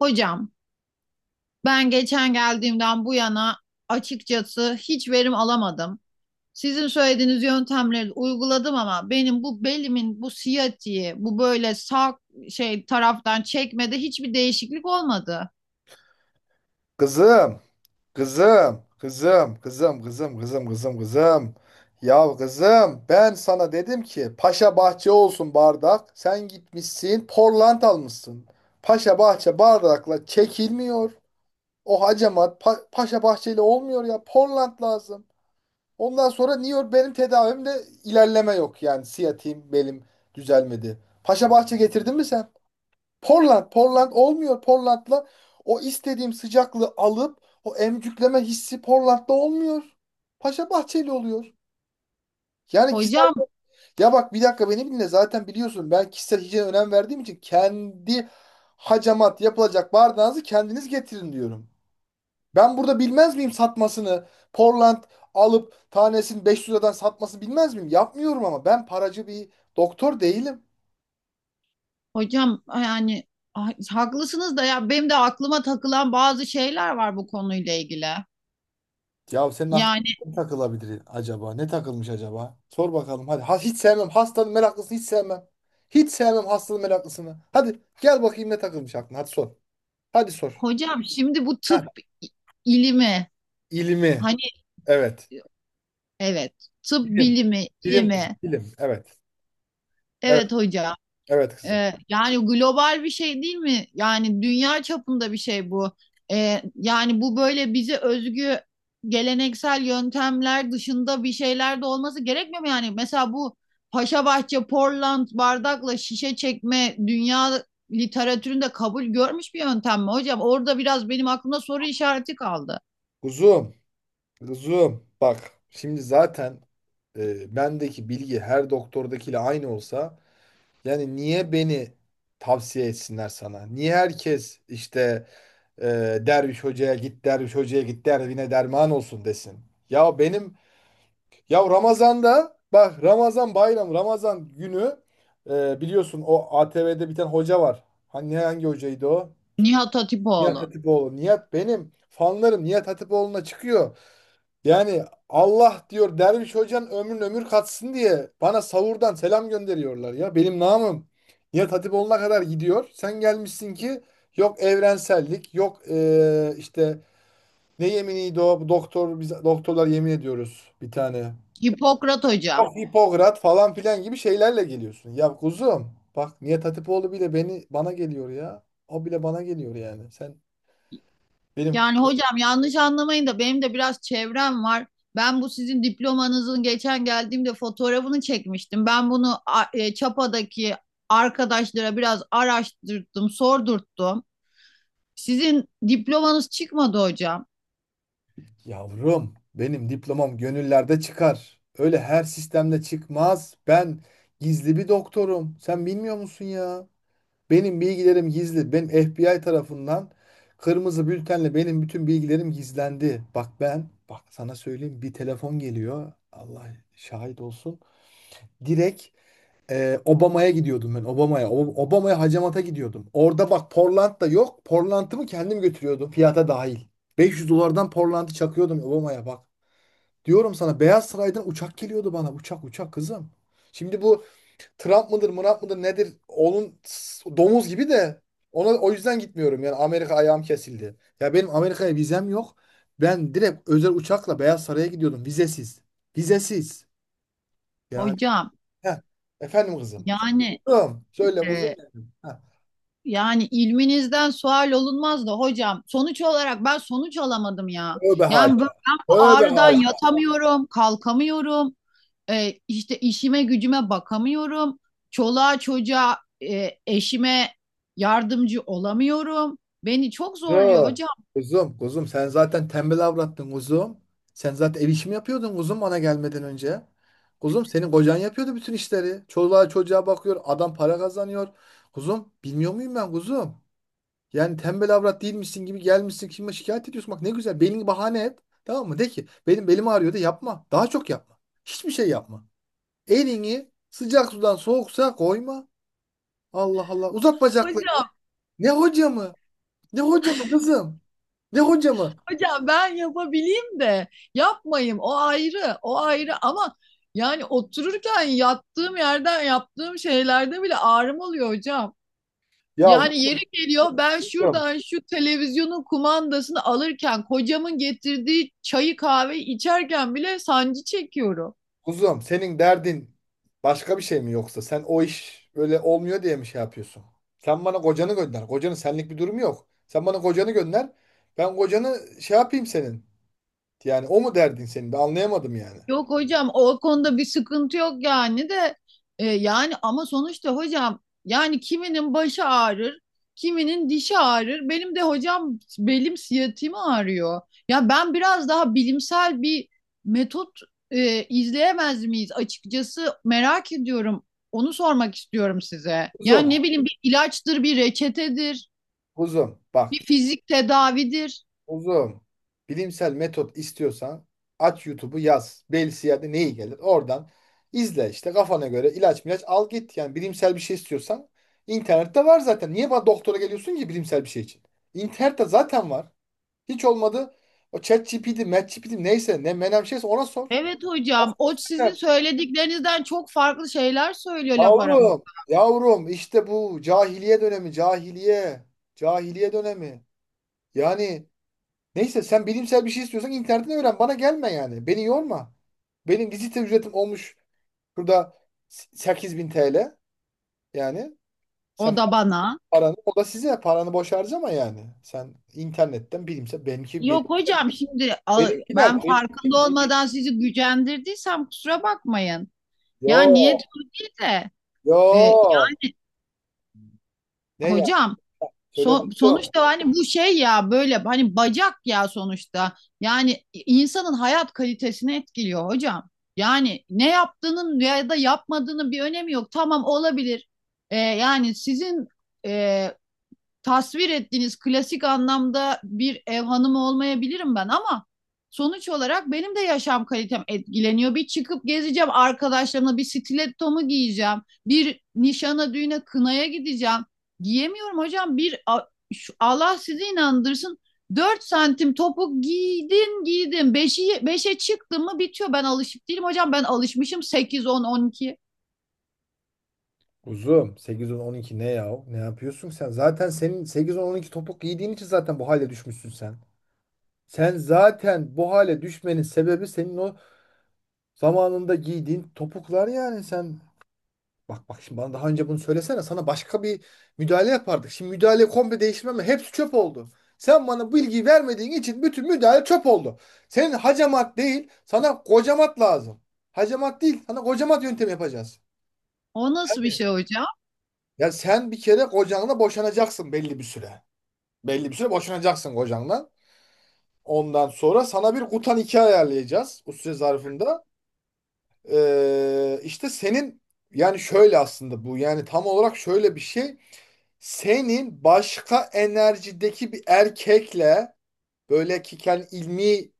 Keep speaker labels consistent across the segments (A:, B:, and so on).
A: Hocam, ben geçen geldiğimden bu yana açıkçası hiç verim alamadım. Sizin söylediğiniz yöntemleri uyguladım ama benim bu belimin bu siyatiği, bu böyle sağ şey taraftan çekmede hiçbir değişiklik olmadı.
B: Kızım, kızım, kızım, kızım, kızım, kızım, kızım, kızım. Ya kızım, ben sana dedim ki Paşa Bahçe olsun bardak. Sen gitmişsin, Portland almışsın. Paşa Bahçe bardakla çekilmiyor. O hacamat Paşa bahçeyle olmuyor ya. Portland lazım. Ondan sonra niye benim tedavimde ilerleme yok yani. Siyatiğim belim düzelmedi. Paşa Bahçe getirdin mi sen? Portland olmuyor. Portland'la o istediğim sıcaklığı alıp o emcükleme hissi Portland'da olmuyor. Paşa Bahçeli oluyor. Yani kişisel...
A: Hocam,
B: Ya bak, bir dakika beni dinle, zaten biliyorsun ben kişisel hijyene önem verdiğim için kendi hacamat yapılacak bardağınızı kendiniz getirin diyorum. Ben burada bilmez miyim satmasını? Portland alıp tanesini 500 liradan satmasını bilmez miyim? Yapmıyorum ama ben paracı bir doktor değilim.
A: hocam, yani ah, haklısınız da ya benim de aklıma takılan bazı şeyler var bu konuyla ilgili.
B: Ya senin aklına
A: Yani
B: ne takılabilir acaba? Ne takılmış acaba? Sor bakalım hadi. Ha, hiç sevmem. Hastanın meraklısını hiç sevmem. Hiç sevmem hastanın meraklısını. Hadi gel bakayım ne takılmış aklına. Hadi sor. Hadi sor.
A: hocam, şimdi bu
B: Ha,
A: tıp i- ilimi,
B: ilmi.
A: hani,
B: Evet.
A: evet, tıp
B: Bilim.
A: bilimi
B: Bilim kızım.
A: ilimi,
B: Bilim. Evet. Evet.
A: evet hocam.
B: Evet kızım.
A: Yani global bir şey değil mi? Yani dünya çapında bir şey bu. Yani bu böyle bize özgü geleneksel yöntemler dışında bir şeyler de olması gerekmiyor mu? Yani mesela bu Paşabahçe, Portland bardakla şişe çekme dünya literatüründe kabul görmüş bir yöntem mi hocam? Orada biraz benim aklımda soru işareti kaldı.
B: Kuzum. Kuzum. Bak. Şimdi zaten bendeki bilgi her doktordakiyle aynı olsa yani niye beni tavsiye etsinler sana? Niye herkes işte... derviş hocaya git, derviş hocaya git, derdine derman olsun desin. Ya benim... Ya Ramazan'da bak, Ramazan bayram, Ramazan günü, biliyorsun o ATV'de bir tane hoca var. Hani hangi hocaydı o?
A: Nihat
B: Nihat
A: Hatipoğlu,
B: Hatipoğlu. Nihat, benim fanlarım Nihat Hatipoğlu'na çıkıyor. Yani Allah diyor derviş hocanın ömrün ömür katsın diye bana savurdan selam gönderiyorlar ya. Benim namım Nihat Hatipoğlu'na kadar gidiyor. Sen gelmişsin ki yok evrensellik, yok işte ne yeminiydi o? Doktor, biz doktorlar yemin ediyoruz bir tane.
A: Hipokrat hocam.
B: Yok Hipokrat falan filan gibi şeylerle geliyorsun. Ya kuzum bak, Nihat Hatipoğlu bile beni, bana geliyor ya. O bile bana geliyor yani. Sen benim...
A: Yani hocam, yanlış anlamayın da benim de biraz çevrem var. Ben bu sizin diplomanızın geçen geldiğimde fotoğrafını çekmiştim. Ben bunu Çapa'daki arkadaşlara biraz araştırdım, sordurttum. Sizin diplomanız çıkmadı hocam.
B: Yavrum benim diplomam gönüllerde çıkar. Öyle her sistemde çıkmaz. Ben gizli bir doktorum. Sen bilmiyor musun ya? Benim bilgilerim gizli. Benim FBI tarafından kırmızı bültenle benim bütün bilgilerim gizlendi. Bak ben, bak sana söyleyeyim, bir telefon geliyor. Allah şahit olsun. Direkt Obama'ya gidiyordum ben. Obama'ya. Obama'ya hacamata gidiyordum. Orada bak Portland da yok. Portland'ımı kendim götürüyordum. Fiyata dahil. 500 dolardan Portland'ı çakıyordum Obama'ya bak. Diyorum sana Beyaz Saray'dan uçak geliyordu bana. Uçak uçak kızım. Şimdi bu Trump mıdır, Murat mıdır nedir? Onun domuz gibi de, ona o yüzden gitmiyorum. Yani Amerika ayağım kesildi. Ya benim Amerika'ya vizem yok. Ben direkt özel uçakla Beyaz Saray'a gidiyordum vizesiz. Vizesiz. Yani.
A: Hocam,
B: Heh. Efendim kızım.
A: yani
B: Kızım, söyle
A: e,
B: uzun. Heh.
A: ilminizden sual olunmaz da hocam, sonuç olarak ben sonuç alamadım ya.
B: Öbe
A: Yani ben
B: haca.
A: ben bu
B: Öbe
A: ağrıdan
B: haca.
A: yatamıyorum, kalkamıyorum. E, işte işime gücüme bakamıyorum. Çoluğa çocuğa, eşime yardımcı olamıyorum. Beni çok zorluyor
B: Yo,
A: hocam.
B: kuzum, kuzum, sen zaten tembel avrattın kuzum. Sen zaten ev işimi yapıyordun kuzum, bana gelmeden önce. Kuzum, senin kocan yapıyordu bütün işleri. Çoluğa çocuğa bakıyor, adam para kazanıyor. Kuzum, bilmiyor muyum ben kuzum? Yani tembel avrat değilmişsin gibi gelmişsin, kime şikayet ediyorsun? Bak ne güzel belini bahane et. Tamam mı? De ki benim belim ağrıyor, de yapma. Daha çok yapma. Hiçbir şey yapma. Elini sıcak sudan soğuk suya koyma. Allah Allah. Uzat bacaklarını.
A: Hocam,
B: Ne hoca mı? Ne hoca mı kızım? Ne hoca mı?
A: hocam, ben yapabileyim de yapmayayım. O ayrı, o ayrı, ama yani otururken yattığım yerden yaptığım şeylerde bile ağrım oluyor hocam.
B: Ya
A: Yani yeri geliyor, ben
B: kuzum,
A: şuradan şu televizyonun kumandasını alırken, kocamın getirdiği çayı kahveyi içerken bile sancı çekiyorum.
B: kuzum, senin derdin başka bir şey mi yoksa? Sen o iş öyle olmuyor diye mi şey yapıyorsun? Sen bana kocanı gönder. Kocanın senlik bir durumu yok. Sen bana kocanı gönder. Ben kocanı şey yapayım senin. Yani o mu derdin senin? Ben anlayamadım yani.
A: Yok hocam, o konuda bir sıkıntı yok, yani de, yani, ama sonuçta hocam, yani kiminin başı ağrır, kiminin dişi ağrır. Benim de hocam belim, siyatiğim ağrıyor. Ya ben biraz daha bilimsel bir metot izleyemez miyiz, açıkçası merak ediyorum. Onu sormak istiyorum size.
B: Kuzum,
A: Yani ne bileyim, bir ilaçtır, bir reçetedir,
B: kuzum bak.
A: bir fizik tedavidir.
B: Uzun. Bilimsel metot istiyorsan aç YouTube'u yaz. Belsiyer'de neyi gelir? Oradan izle işte, kafana göre ilaç milaç al git. Yani bilimsel bir şey istiyorsan internette var zaten. Niye bana doktora geliyorsun ki bilimsel bir şey için? İnternette zaten var. Hiç olmadı. O ChatGPT, MatGPT neyse ne menem şeyse ona sor.
A: Evet hocam, o sizin
B: Aynen.
A: söylediklerinizden çok farklı şeyler söylüyor, laf aramızda.
B: Yavrum, yavrum, işte bu cahiliye dönemi, cahiliye, cahiliye dönemi. Yani... Neyse, sen bilimsel bir şey istiyorsan internetten öğren. Bana gelme yani. Beni yorma. Benim vizite ücretim olmuş burada şurada 8.000 TL. Yani
A: O
B: sen
A: da bana.
B: paranı, o da size, paranı boş harcama yani. Sen internetten bilimsel, benimki benim,
A: Yok hocam, şimdi a-
B: benimkiler
A: ben
B: benim,
A: farkında olmadan sizi gücendirdiysem kusura bakmayın. Ya niyet
B: yo
A: o değil de,
B: yo
A: yani
B: ne ya,
A: hocam,
B: söyle
A: So-
B: kuzum.
A: sonuçta hani bu şey ya, böyle hani bacak ya sonuçta. Yani insanın hayat kalitesini etkiliyor hocam. Yani ne yaptığının ya da yapmadığının bir önemi yok. Tamam, olabilir. Yani sizin e, tasvir ettiğiniz klasik anlamda bir ev hanımı olmayabilirim ben, ama sonuç olarak benim de yaşam kalitem etkileniyor. Bir çıkıp gezeceğim arkadaşlarımla, bir stilettomu giyeceğim, bir nişana, düğüne, kınaya gideceğim. Giyemiyorum hocam. Bir Allah sizi inandırsın, 4 santim topuk giydin giydin, beşe 5'e çıktın mı bitiyor. Ben alışık değilim hocam. Ben alışmışım 8, 10, 12
B: Kuzum, 8 on on iki ne ya? Ne yapıyorsun sen? Zaten senin 8 on on iki topuk giydiğin için zaten bu hale düşmüşsün sen. Sen zaten bu hale düşmenin sebebi senin o zamanında giydiğin topuklar, yani sen... Bak bak şimdi bana daha önce bunu söylesene, sana başka bir müdahale yapardık. Şimdi müdahale komple değiştirmem mi? Hepsi çöp oldu. Sen bana bilgi vermediğin için bütün müdahale çöp oldu. Senin hacamat değil, sana kocamat lazım. Hacamat değil, sana kocamat yöntemi yapacağız.
A: O nasıl bir
B: Yani...
A: şey hocam?
B: Ya sen bir kere kocanla boşanacaksın belli bir süre. Belli bir süre boşanacaksın kocanla. Ondan sonra sana bir kutan iki ayarlayacağız bu süre zarfında. İşte senin, yani şöyle aslında bu, yani tam olarak şöyle bir şey. Senin başka enerjideki bir erkekle, böyle ki kendi ilmi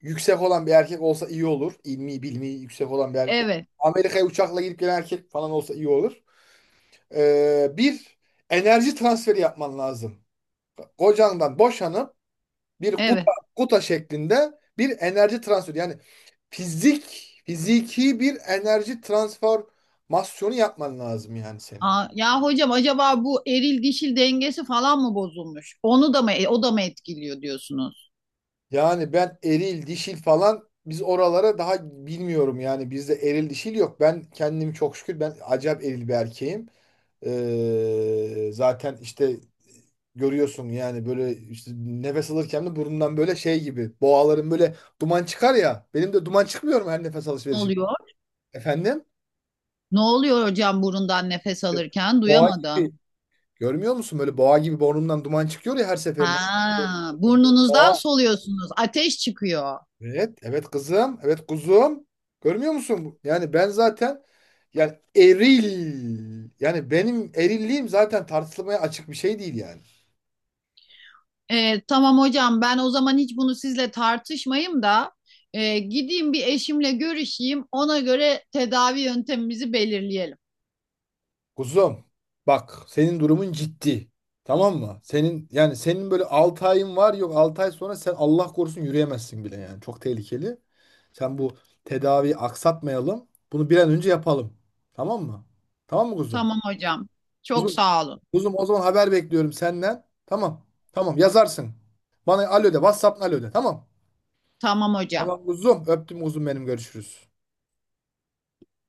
B: yüksek olan bir erkek olsa iyi olur. İlmi bilmi yüksek olan bir erkek.
A: Evet.
B: Amerika'ya uçakla gidip gelen erkek falan olsa iyi olur. Bir enerji transferi yapman lazım. Kocandan boşanıp bir kuta,
A: Evet.
B: kuta şeklinde bir enerji transferi. Yani fizik, fiziki bir enerji transformasyonu yapman lazım yani senin.
A: Aa, ya hocam, acaba bu eril dişil dengesi falan mı bozulmuş? Onu da mı, o da mı etkiliyor diyorsunuz?
B: Yani ben eril, dişil falan, biz oralara daha, bilmiyorum yani, bizde eril dişil yok. Ben kendim çok şükür ben acayip eril bir erkeğim. Zaten işte görüyorsun yani, böyle işte nefes alırken de burnumdan böyle şey gibi, boğaların böyle duman çıkar ya. Benim de duman çıkmıyor mu her nefes
A: Ne
B: alışverişim?
A: oluyor?
B: Efendim?
A: Ne oluyor hocam, burundan nefes alırken?
B: Boğa
A: Duyamadım.
B: gibi. Görmüyor musun? Böyle boğa gibi burnumdan duman çıkıyor ya her seferinde.
A: Ha, burnunuzdan
B: Boğa.
A: soluyorsunuz. Ateş çıkıyor.
B: Evet, evet kızım, evet kuzum. Görmüyor musun? Yani ben zaten, yani eril. Yani benim erilliğim zaten tartışılmaya açık bir şey değil yani.
A: Tamam hocam, ben o zaman hiç bunu sizle tartışmayayım da gideyim, bir eşimle görüşeyim. Ona göre tedavi yöntemimizi belirleyelim.
B: Kuzum bak senin durumun ciddi. Tamam mı? Senin, yani senin böyle 6 ayın var, yok 6 ay sonra sen Allah korusun yürüyemezsin bile yani. Çok tehlikeli. Sen bu tedaviyi aksatmayalım. Bunu bir an önce yapalım. Tamam mı? Tamam mı kuzum?
A: Tamam hocam. Çok
B: Kuzum,
A: sağ olun.
B: kuzum, o zaman haber bekliyorum senden. Tamam. Tamam yazarsın. Bana alo de. WhatsApp'ın alo de. Tamam.
A: Tamam hocam.
B: Tamam kuzum. Öptüm kuzum benim. Görüşürüz.